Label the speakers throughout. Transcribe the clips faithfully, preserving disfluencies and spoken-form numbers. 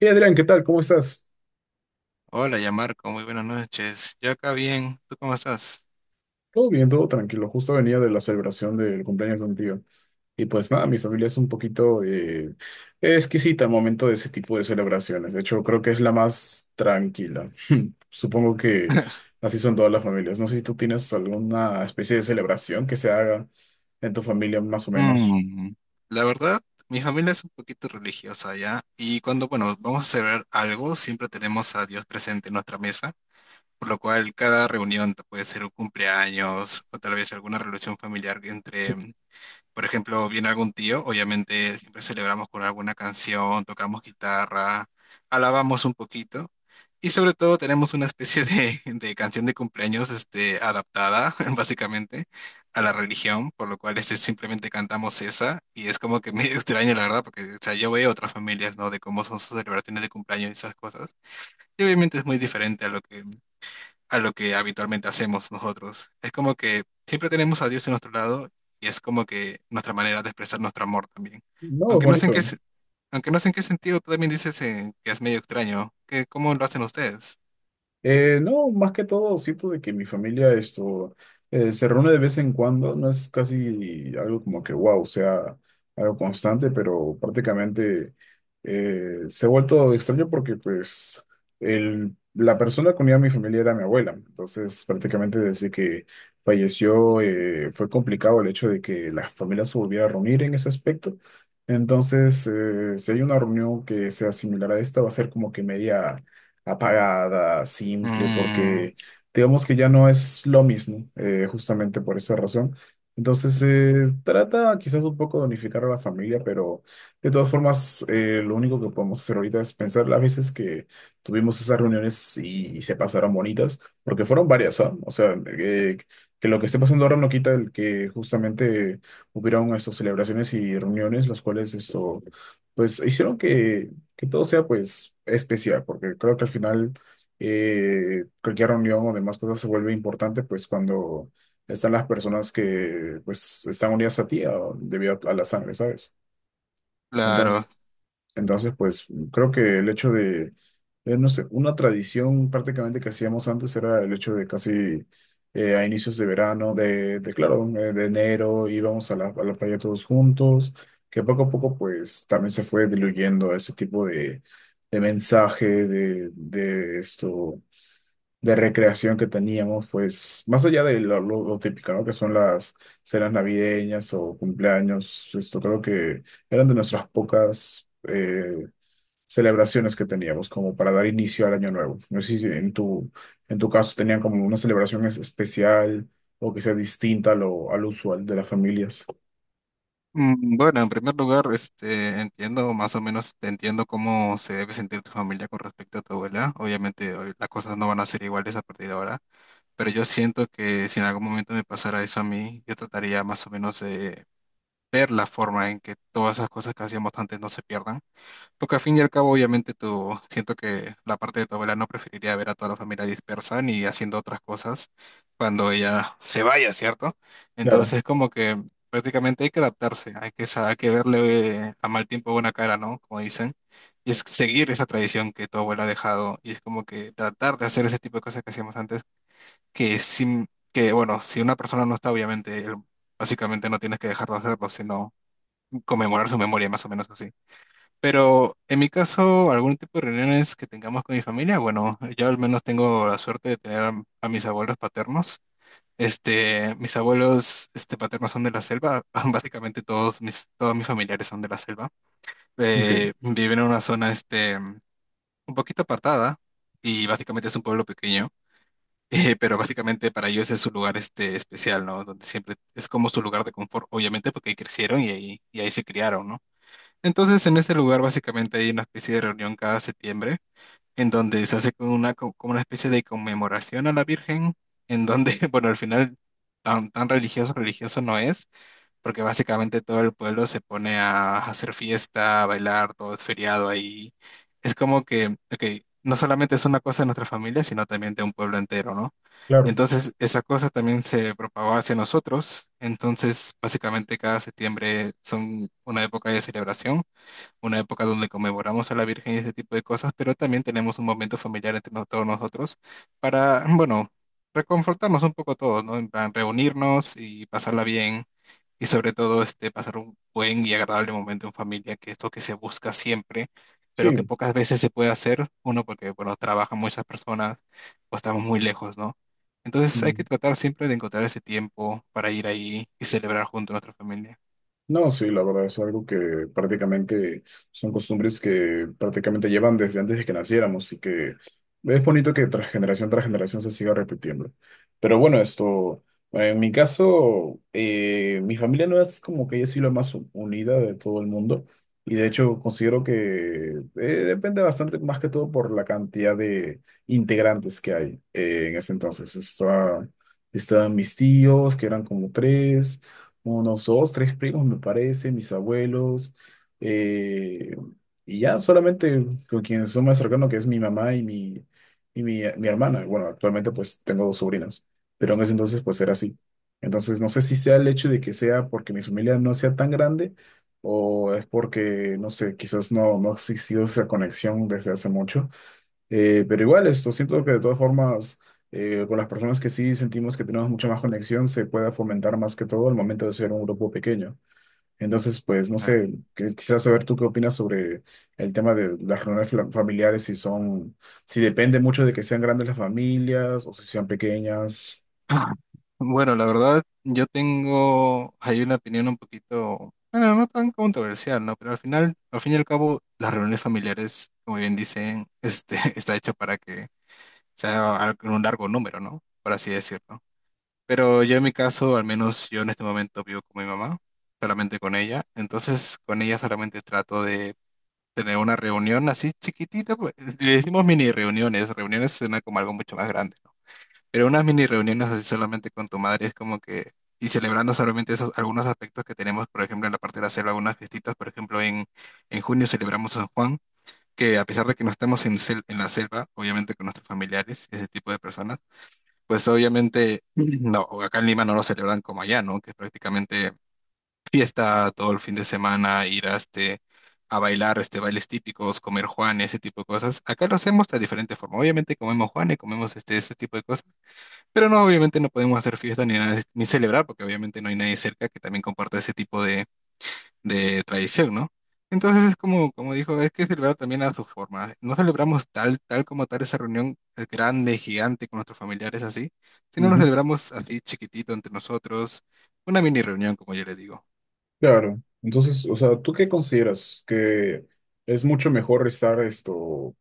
Speaker 1: Y Adrián, ¿qué tal? ¿Cómo estás?
Speaker 2: Hola, ya Marco, muy buenas noches. Yo acá bien, ¿tú cómo estás?
Speaker 1: Todo bien, todo tranquilo. Justo venía de la celebración del cumpleaños de un tío. Y pues nada, mi familia es un poquito eh, exquisita al momento de ese tipo de celebraciones. De hecho, creo que es la más tranquila. Supongo que así son todas las familias. No sé si tú tienes alguna especie de celebración que se haga en tu familia más o menos.
Speaker 2: Mm, La verdad, mi familia es un poquito religiosa ya, y cuando, bueno, vamos a celebrar algo, siempre tenemos a Dios presente en nuestra mesa, por lo cual cada reunión t- puede ser un cumpleaños o tal vez alguna relación familiar entre. Por ejemplo, viene algún tío, obviamente siempre celebramos con alguna canción, tocamos guitarra, alabamos un poquito y sobre todo tenemos una especie de, de canción de cumpleaños este, adaptada básicamente a la religión, por lo cual este, simplemente cantamos esa y es como que medio extraño la verdad, porque o sea, yo veo otras familias, ¿no? De cómo son sus celebraciones de cumpleaños y esas cosas. Y obviamente es muy diferente a lo que a lo que habitualmente hacemos nosotros. Es como que siempre tenemos a Dios en nuestro lado y es como que nuestra manera de expresar nuestro amor también.
Speaker 1: No, es
Speaker 2: Aunque no sé
Speaker 1: bonito.
Speaker 2: en qué, se- aunque no sé en qué sentido, tú también dices eh, que es medio extraño. ¿Que cómo lo hacen ustedes?
Speaker 1: Eh, no, más que todo, siento de que mi familia esto eh, se reúne de vez en cuando, no es casi algo como que wow, sea algo constante, pero prácticamente eh, se ha vuelto extraño porque pues el, la persona que unía a mi familia era mi abuela, entonces prácticamente desde que falleció eh, fue complicado el hecho de que la familia se volviera a reunir en ese aspecto, entonces eh, si hay una reunión que sea similar a esta, va a ser como que media apagada, simple,
Speaker 2: Mm,
Speaker 1: porque digamos que ya no es lo mismo, eh, justamente por esa razón. Entonces, eh, trata quizás un poco de unificar a la familia, pero de todas formas, eh, lo único que podemos hacer ahorita es pensar las veces que tuvimos esas reuniones y, y se pasaron bonitas, porque fueron varias, ¿ah? O sea, eh, que lo que esté pasando ahora no quita el que justamente hubieron estas celebraciones y reuniones, las cuales esto, pues hicieron que que todo sea pues especial, porque creo que al final eh, cualquier reunión o demás cosas se vuelve importante pues cuando están las personas que pues están unidas a ti ah, debido a, a la sangre, ¿sabes?
Speaker 2: claro.
Speaker 1: Entonces, entonces, pues creo que el hecho de, eh, no sé, una tradición prácticamente que hacíamos antes era el hecho de casi eh, a inicios de verano, de, de claro, eh, de enero, íbamos a la, a la playa todos juntos, que poco a poco pues también se fue diluyendo ese tipo de, de mensaje, de, de esto, de recreación que teníamos, pues más allá de lo, lo- lo típico, ¿no? Que son las cenas navideñas o cumpleaños, esto creo que eran de nuestras pocas... eh, celebraciones que teníamos como para dar inicio al año nuevo. No sé si en tu, en tu caso tenían como una celebración es- especial o que sea distinta a lo, al usual de las familias.
Speaker 2: Mm, Bueno, en primer lugar, este, entiendo más o menos, te entiendo cómo se debe sentir tu familia con respecto a tu abuela. Obviamente, hoy las cosas no van a ser iguales a partir de ahora, pero yo siento que si en algún momento me pasara eso a mí, yo trataría más o menos de ver la forma en que todas esas cosas que hacíamos antes no se pierdan. Porque al fin y al cabo, obviamente, tú siento que la parte de tu abuela no preferiría ver a toda la familia dispersa ni haciendo otras cosas cuando ella se vaya, ¿cierto?
Speaker 1: Claro,
Speaker 2: Entonces, como que prácticamente hay que adaptarse, hay que, sa- hay que verle a mal tiempo buena cara, ¿no? Como dicen. Y es seguir esa tradición que tu abuela ha dejado y es como que tratar de hacer ese tipo de cosas que hacíamos antes, que, sin, que bueno, si una persona no está, obviamente, el- básicamente no tienes que dejar de hacerlo, sino conmemorar su memoria, más o menos así. Pero en mi caso, algún tipo de reuniones que tengamos con mi familia, bueno, yo al menos tengo la suerte de tener a, a mis abuelos paternos. Este, mis abuelos este, paternos son de la selva, básicamente todos mis, todos mis familiares son de la selva.
Speaker 1: ok,
Speaker 2: Eh, viven en una zona este, un poquito apartada y básicamente es un pueblo pequeño. Eh, pero básicamente para ellos es su lugar este especial, ¿no? Donde siempre es como su lugar de confort, obviamente porque ahí crecieron y ahí, y ahí se criaron, ¿no? Entonces, en ese lugar básicamente hay una especie de reunión cada septiembre, en donde se hace como una, co- como una especie de conmemoración a la Virgen, en donde, bueno, al final tan, tan religioso, religioso no es, porque básicamente todo el pueblo se pone a hacer fiesta, a bailar, todo es feriado ahí. Es como que, ok, no solamente es una cosa de nuestra familia, sino también de un pueblo entero, ¿no?
Speaker 1: claro,
Speaker 2: Entonces, esa cosa también se propagó hacia nosotros. Entonces, básicamente cada septiembre son una época de celebración, una época donde conmemoramos a la Virgen y ese tipo de cosas, pero también tenemos un momento familiar entre nos- todos nosotros para, bueno, reconfortarnos un poco todos, ¿no? En plan, reunirnos y pasarla bien y sobre todo este, pasar un buen y agradable momento en familia, que es lo que se busca siempre, pero que
Speaker 1: sí.
Speaker 2: pocas veces se puede hacer, uno porque, bueno, trabajan muchas personas o estamos muy lejos, ¿no? Entonces hay que tratar siempre de encontrar ese tiempo para ir ahí y celebrar junto a nuestra familia.
Speaker 1: No, sí, la verdad es algo que prácticamente son costumbres que prácticamente llevan desde antes de que naciéramos y que es bonito que tras generación tras generación se siga repitiendo. Pero bueno, esto, en mi caso, eh, mi familia no es como que yo soy la más u- unida de todo el mundo y de hecho considero que eh, depende bastante más que todo por la cantidad de integrantes que hay eh, en ese entonces. Está, estaban mis tíos, que eran como tres unos dos, tres primos, me parece, mis abuelos, eh, y ya solamente con quienes son más cercanos, que es mi mamá y mi, y mi, mi hermana. Bueno, actualmente pues tengo dos sobrinas, pero en ese entonces pues era así. Entonces no sé si sea el hecho de que sea porque mi familia no sea tan grande o es porque, no sé, quizás no, no ha existido esa conexión desde hace mucho. Eh, pero igual, esto siento que de todas formas, eh, con las personas que sí sentimos que tenemos mucha más conexión, se puede fomentar más que todo al momento de ser un grupo pequeño. Entonces, pues, no
Speaker 2: Claro.
Speaker 1: sé, que- quisiera saber tú qué opinas sobre el tema de las reuniones fla- familiares, si son, si depende mucho de que sean grandes las familias o si sean pequeñas.
Speaker 2: Ah, bueno, la verdad, yo tengo hay una opinión un poquito, bueno, no tan controversial, ¿no? Pero al final, al fin y al cabo, las reuniones familiares, como bien dicen, este, está hecho para que sea al- un largo número, ¿no? Por así decirlo. Pero yo en mi caso, al menos yo en este momento vivo con mi mamá, solamente con ella. Entonces, con ella solamente trato de tener una reunión así chiquitita, pues, le decimos mini reuniones, reuniones suena como algo mucho más grande. Pero unas mini reuniones así solamente con tu madre es como que, y celebrando solamente esos algunos aspectos que tenemos, por ejemplo, en la parte de la selva algunas fiestitas, por ejemplo, en, en junio celebramos San Juan, que a pesar de que no estamos en, sel- en la selva, obviamente con nuestros familiares, ese tipo de personas, pues obviamente. Ujú. No, acá en Lima no lo celebran como allá, ¿no? Que es prácticamente fiesta todo el fin de semana, ir a este a bailar este, bailes típicos, comer juan, ese tipo de cosas. Acá lo hacemos de diferente forma. Obviamente comemos juan y comemos este, ese tipo de cosas, pero no, obviamente no podemos hacer fiesta ni nada, ni celebrar, porque obviamente no hay nadie cerca que también comparta ese tipo de, de tradición, ¿no? Entonces es como, como dijo, es que celebrar también a su forma. No celebramos tal, tal como tal esa reunión eh, grande, gigante con nuestros familiares así, sino nos
Speaker 1: Ujú.
Speaker 2: celebramos así chiquitito entre nosotros, una mini reunión, como yo le digo.
Speaker 1: Claro. Entonces, o sea, ¿tú qué consideras? ¿Que es mucho mejor estar esto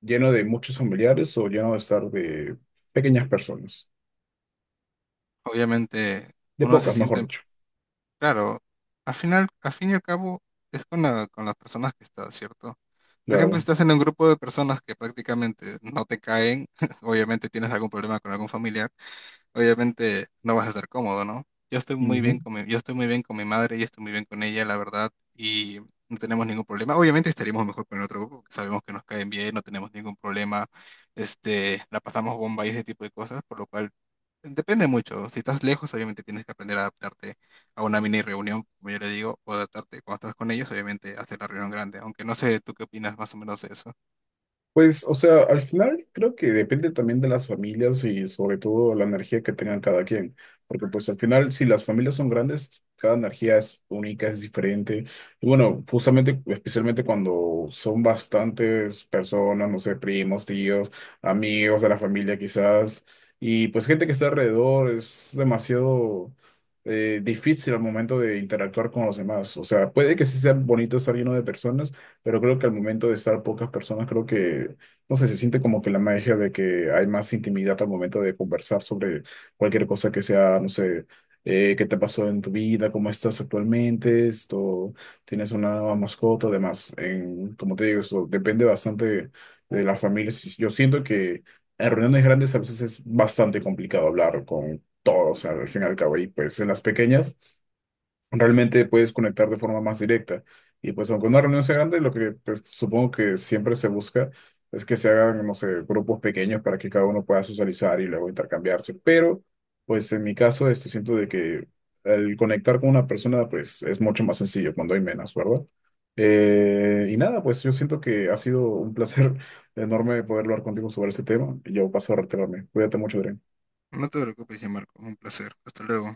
Speaker 1: lleno de muchos familiares o lleno de estar de pequeñas personas?
Speaker 2: Obviamente
Speaker 1: De
Speaker 2: uno se
Speaker 1: pocas, mejor
Speaker 2: siente.
Speaker 1: dicho.
Speaker 2: Claro, al final, al fin y al cabo, es con la- con las personas que estás, ¿cierto? Por ejemplo, si
Speaker 1: Claro.
Speaker 2: estás en un grupo de personas que prácticamente no te caen, obviamente tienes algún problema con algún familiar, obviamente no vas a estar cómodo, ¿no? Yo estoy muy bien
Speaker 1: Ujú.
Speaker 2: con mi, yo estoy muy bien con mi madre, y estoy muy bien con ella, la verdad, y no tenemos ningún problema. Obviamente estaríamos mejor con el otro grupo, que sabemos que nos caen bien, no tenemos ningún problema, este, la pasamos bomba y ese tipo de cosas, por lo cual depende mucho. Si estás lejos, obviamente tienes que aprender a adaptarte a una mini reunión, como yo le digo, o adaptarte cuando estás con ellos, obviamente, hacer la reunión grande. Aunque no sé tú qué opinas más o menos de eso.
Speaker 1: Pues, o sea, al final creo que depende también de las familias y sobre todo la energía que tengan cada quien. Porque pues al final, si las familias son grandes, cada energía es única, es diferente. Y bueno, justamente, especialmente cuando son bastantes personas, no sé, primos, tíos, amigos de la familia quizás, y pues gente que está alrededor, es demasiado eh, difícil al momento de interactuar con los demás. O sea, puede que sí sea bonito estar lleno de personas pero creo que al momento de estar pocas personas, creo que, no sé, se siente como que la magia de que hay más intimidad al momento de conversar sobre cualquier cosa que sea, no sé, eh, qué te pasó en tu vida, cómo estás actualmente, esto, tienes una nueva mascota, además, en, como te digo, eso depende bastante de las familias. Yo siento que en reuniones grandes a veces es bastante complicado hablar con todos, al fin y al cabo, y pues en las pequeñas realmente puedes conectar de forma más directa. Y pues aunque una reunión sea grande, lo que pues, supongo que siempre se busca es que se hagan, no sé, grupos pequeños para que cada uno pueda socializar y luego intercambiarse. Pero pues en mi caso, esto siento de que el conectar con una persona pues es mucho más sencillo cuando hay menos, ¿verdad? Eh, y nada, pues yo siento que ha sido un placer enorme poder hablar contigo sobre ese tema. Y yo paso a retirarme. Cuídate mucho, Adrián.
Speaker 2: No te preocupes, ya Marco. Un placer. Hasta luego.